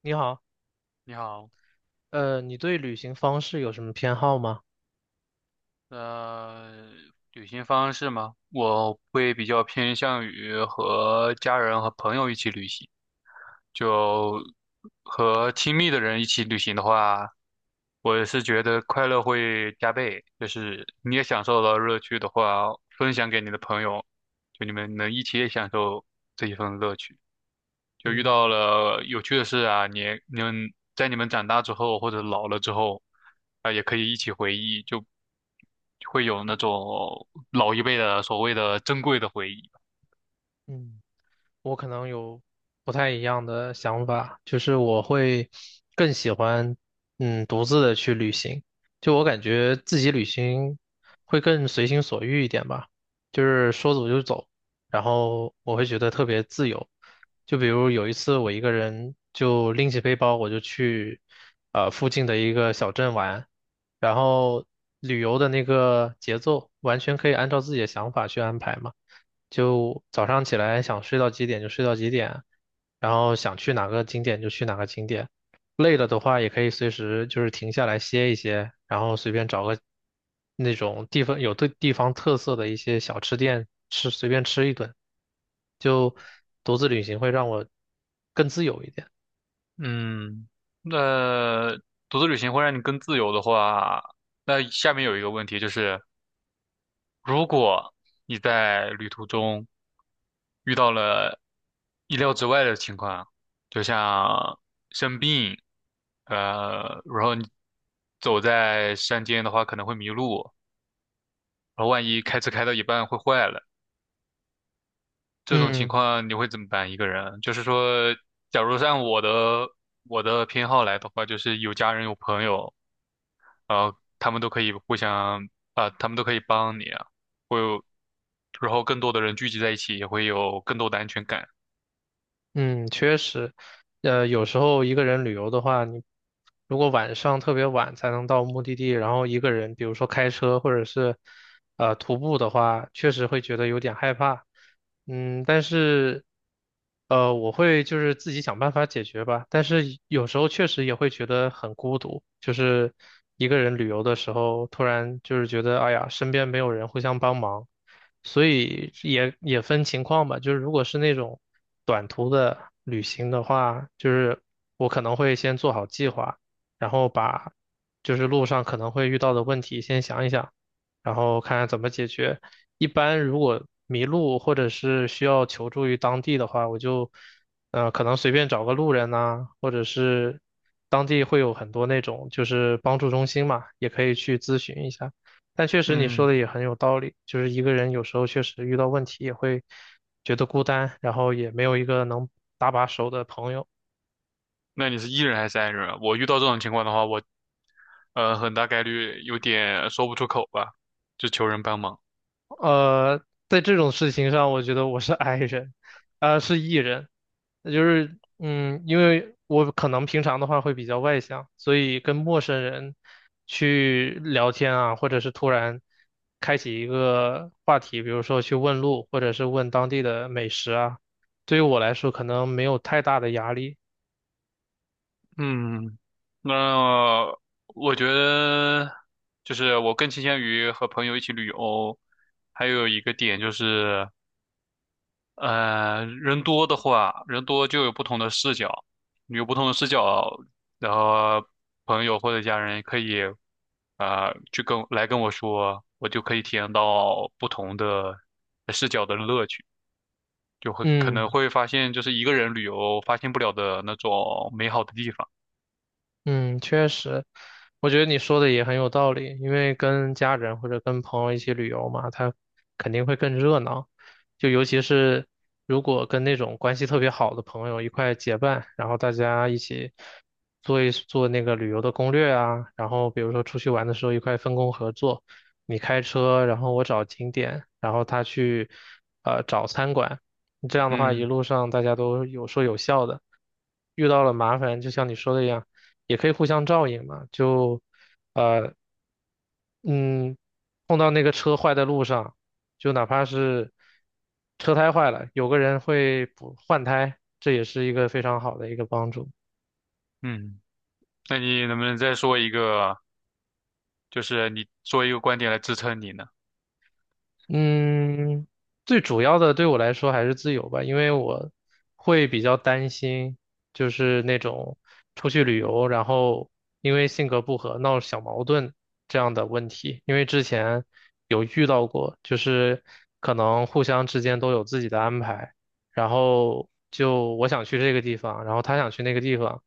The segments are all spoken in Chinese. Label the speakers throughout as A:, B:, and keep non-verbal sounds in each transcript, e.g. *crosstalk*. A: 你好，
B: 你好，
A: 你对旅行方式有什么偏好吗？
B: 呃，旅行方式吗？我会比较偏向于和家人和朋友一起旅行，就和亲密的人一起旅行的话，我是觉得快乐会加倍，就是你也享受了乐趣的话，分享给你的朋友，就你们能一起也享受这一份乐趣。就遇到
A: 嗯
B: 了有趣的事啊，你们长大之后或者老了之后，啊、也可以一起回忆，就会有那种老一辈的所谓的珍贵的回忆。
A: 嗯。我可能有不太一样的想法，就是我会更喜欢独自的去旅行，就我感觉自己旅行会更随心所欲一点吧，就是说走就走，然后我会觉得特别自由。就比如有一次我一个人就拎起背包我就去附近的一个小镇玩，然后旅游的那个节奏完全可以按照自己的想法去安排嘛。就早上起来想睡到几点就睡到几点，然后想去哪个景点就去哪个景点。累了的话，也可以随时就是停下来歇一歇，然后随便找个那种地方有对地方特色的一些小吃店吃，随便吃一顿。就独自旅行会让我更自由一点。
B: 嗯，那独自旅行会让你更自由的话，那下面有一个问题就是，如果你在旅途中遇到了意料之外的情况，就像生病，然后你走在山间的话可能会迷路，然后万一开车开到一半会坏了，这种情
A: 嗯。
B: 况你会怎么办？一个人，就是说，假如按我的偏好来的话，就是有家人有朋友，呃，他们都可以互相他们都可以帮你啊，会有，然后更多的人聚集在一起，也会有更多的安全感。
A: 嗯，确实，有时候一个人旅游的话，你如果晚上特别晚才能到目的地，然后一个人，比如说开车或者是徒步的话，确实会觉得有点害怕。嗯，但是我会就是自己想办法解决吧。但是有时候确实也会觉得很孤独，就是一个人旅游的时候，突然就是觉得哎呀，身边没有人互相帮忙。所以也分情况吧，就是如果是那种短途的旅行的话，就是我可能会先做好计划，然后把就是路上可能会遇到的问题先想一想，然后看看怎么解决。一般如果迷路或者是需要求助于当地的话，我就可能随便找个路人呐、或者是当地会有很多那种就是帮助中心嘛，也可以去咨询一下。但确实你说
B: 嗯，
A: 的也很有道理，就是一个人有时候确实遇到问题也会觉得孤单，然后也没有一个能搭把手的朋友。
B: 那你是 E 人还是 I 人啊？我遇到这种情况的话，我很大概率有点说不出口吧，就求人帮忙。
A: 呃，在这种事情上，我觉得我是 *laughs* I 人，是 E 人，那就是嗯，因为我可能平常的话会比较外向，所以跟陌生人去聊天啊，或者是突然开启一个话题，比如说去问路，或者是问当地的美食啊。对于我来说，可能没有太大的压力。
B: 嗯，那我觉得就是我更倾向于和朋友一起旅游，还有一个点就是。人多的话，人多就有不同的视角，有不同的视角，然后朋友或者家人可以去跟我说，我就可以体验到不同的视角的乐趣，就会可能
A: 嗯，
B: 会发现就是一个人旅游发现不了的那种美好的地方。
A: 嗯，确实，我觉得你说的也很有道理，因为跟家人或者跟朋友一起旅游嘛，他肯定会更热闹，就尤其是如果跟那种关系特别好的朋友一块结伴，然后大家一起做一做那个旅游的攻略啊，然后比如说出去玩的时候一块分工合作，你开车，然后我找景点，然后他去找餐馆，这样的话一
B: 嗯
A: 路上大家都有说有笑的，遇到了麻烦就像你说的一样。也可以互相照应嘛，呃嗯，碰到那个车坏在路上，就哪怕是车胎坏了，有个人会补换胎，这也是一个非常好的一个帮助。
B: 嗯，那你能不能再说一个，就是你说一个观点来支撑你呢？
A: 嗯，最主要的对我来说还是自由吧，因为我会比较担心，就是那种出去旅游，然后因为性格不合闹小矛盾这样的问题。因为之前有遇到过，就是可能互相之间都有自己的安排，然后就我想去这个地方，然后他想去那个地方，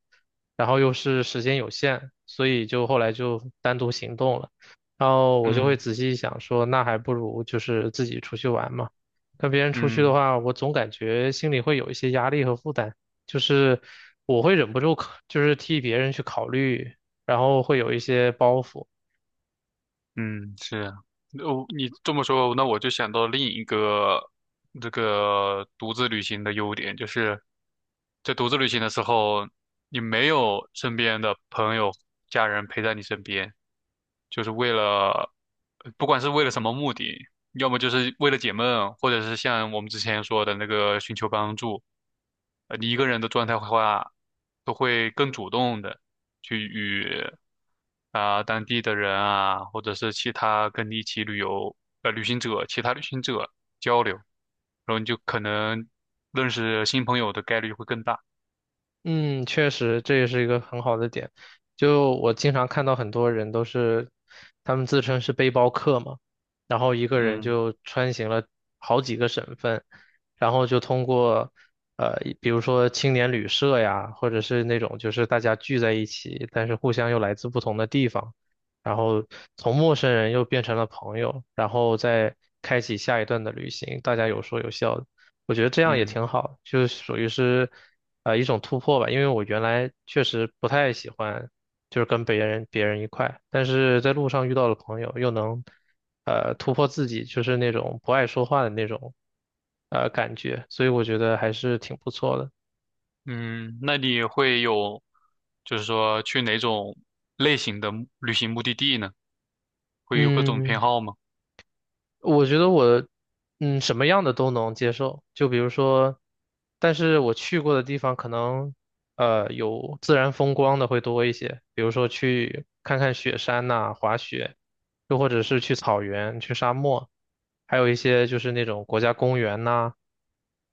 A: 然后又是时间有限，所以就后来就单独行动了。然后我就会
B: 嗯
A: 仔细想说，那还不如就是自己出去玩嘛。跟别人出去的
B: 嗯。
A: 话，我总感觉心里会有一些压力和负担，就是我会忍不住考就是替别人去考虑，然后会有一些包袱。
B: 嗯，是啊，哦，你这么说，那我就想到另一个这个独自旅行的优点，就是在独自旅行的时候，你没有身边的朋友、家人陪在你身边，就是为了，不管是为了什么目的，要么就是为了解闷，或者是像我们之前说的那个寻求帮助，你一个人的状态的话，都会更主动的去与啊、当地的人啊，或者是其他跟你一起旅行者、其他旅行者交流，然后你就可能认识新朋友的概率会更大。
A: 嗯，确实，这也是一个很好的点。就我经常看到很多人都是，他们自称是背包客嘛，然后一个人
B: 嗯
A: 就穿行了好几个省份，然后就通过，呃，比如说青年旅社呀，或者是那种就是大家聚在一起，但是互相又来自不同的地方，然后从陌生人又变成了朋友，然后再开启下一段的旅行，大家有说有笑的。我觉得这样也
B: 嗯
A: 挺好，就是属于是，一种突破吧。因为我原来确实不太喜欢，就是跟别人一块，但是在路上遇到了朋友，又能，突破自己，就是那种不爱说话的那种，感觉，所以我觉得还是挺不错的。
B: 嗯，那你会有就是说去哪种类型的旅行目的地呢？会有各种偏
A: 嗯。
B: 好吗？
A: 我觉得我，嗯，什么样的都能接受。就比如说，但是我去过的地方可能，有自然风光的会多一些，比如说去看看雪山呐、滑雪，又或者是去草原、去沙漠，还有一些就是那种国家公园呐、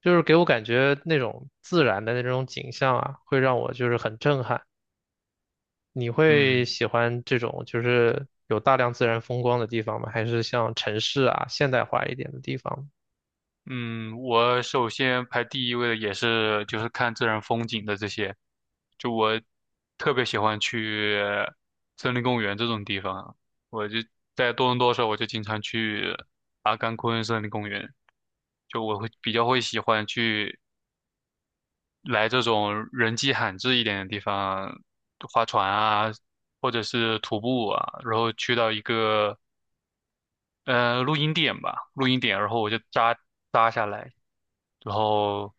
A: 就是给我感觉那种自然的那种景象啊，会让我就是很震撼。你会
B: 嗯。
A: 喜欢这种就是有大量自然风光的地方吗？还是像城市啊，现代化一点的地方呢？
B: 嗯，我首先排第一位的也是就是看自然风景的这些，就我特别喜欢去森林公园这种地方，我就在多伦多的时候，我就经常去阿甘昆森林公园，就我会比较喜欢来这种人迹罕至一点的地方，划船啊，或者是徒步啊，然后去到一个露营点，然后我就扎下来，然后，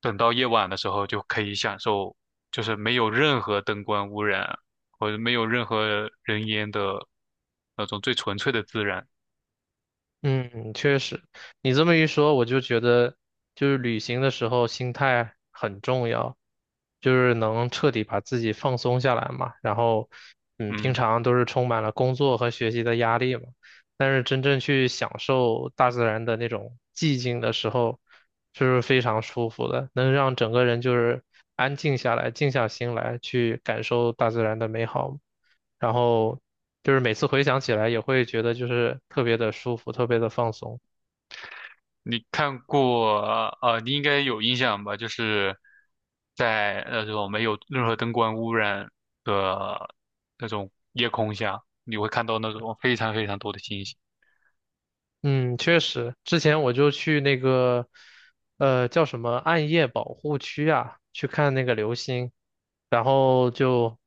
B: 等到夜晚的时候就可以享受，就是没有任何灯光污染或者没有任何人烟的那种最纯粹的自然。
A: 嗯，确实，你这么一说，我就觉得就是旅行的时候心态很重要，就是能彻底把自己放松下来嘛。然后，嗯，平
B: 嗯，
A: 常都是充满了工作和学习的压力嘛，但是真正去享受大自然的那种寂静的时候，就是非常舒服的，能让整个人就是安静下来，静下心来去感受大自然的美好。然后就是每次回想起来也会觉得就是特别的舒服，特别的放松。
B: 你看过啊、呃你应该有印象吧？就是在那种没有任何灯光污染的那种夜空下，你会看到那种非常非常多的星星。
A: 嗯，确实，之前我就去那个，叫什么暗夜保护区啊，去看那个流星，然后就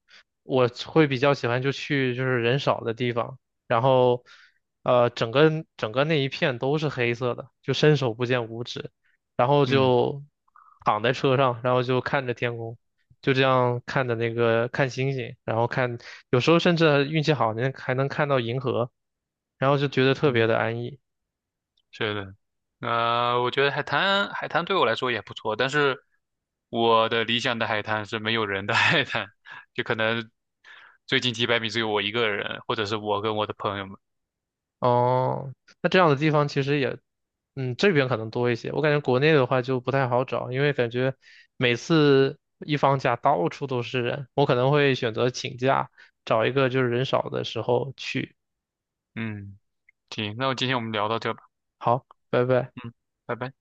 A: 我会比较喜欢就去就是人少的地方，然后整个那一片都是黑色的，就伸手不见五指，然后
B: 嗯
A: 就躺在车上，然后就看着天空，就这样看着那个看星星，然后看，有时候甚至运气好，还能看到银河。然后就觉得特别
B: 嗯。
A: 的安逸。
B: 是的，我觉得海滩对我来说也不错，但是我的理想的海滩是没有人的 *laughs* 海滩，就可能最近几百米只有我一个人，或者是我跟我的朋友们。
A: 哦，那这样的地方其实也，嗯，这边可能多一些。我感觉国内的话就不太好找，因为感觉每次一放假到处都是人，我可能会选择请假，找一个就是人少的时候去。
B: 嗯，行，那我今天我们聊到这吧，
A: 好，拜拜。
B: 嗯，拜拜。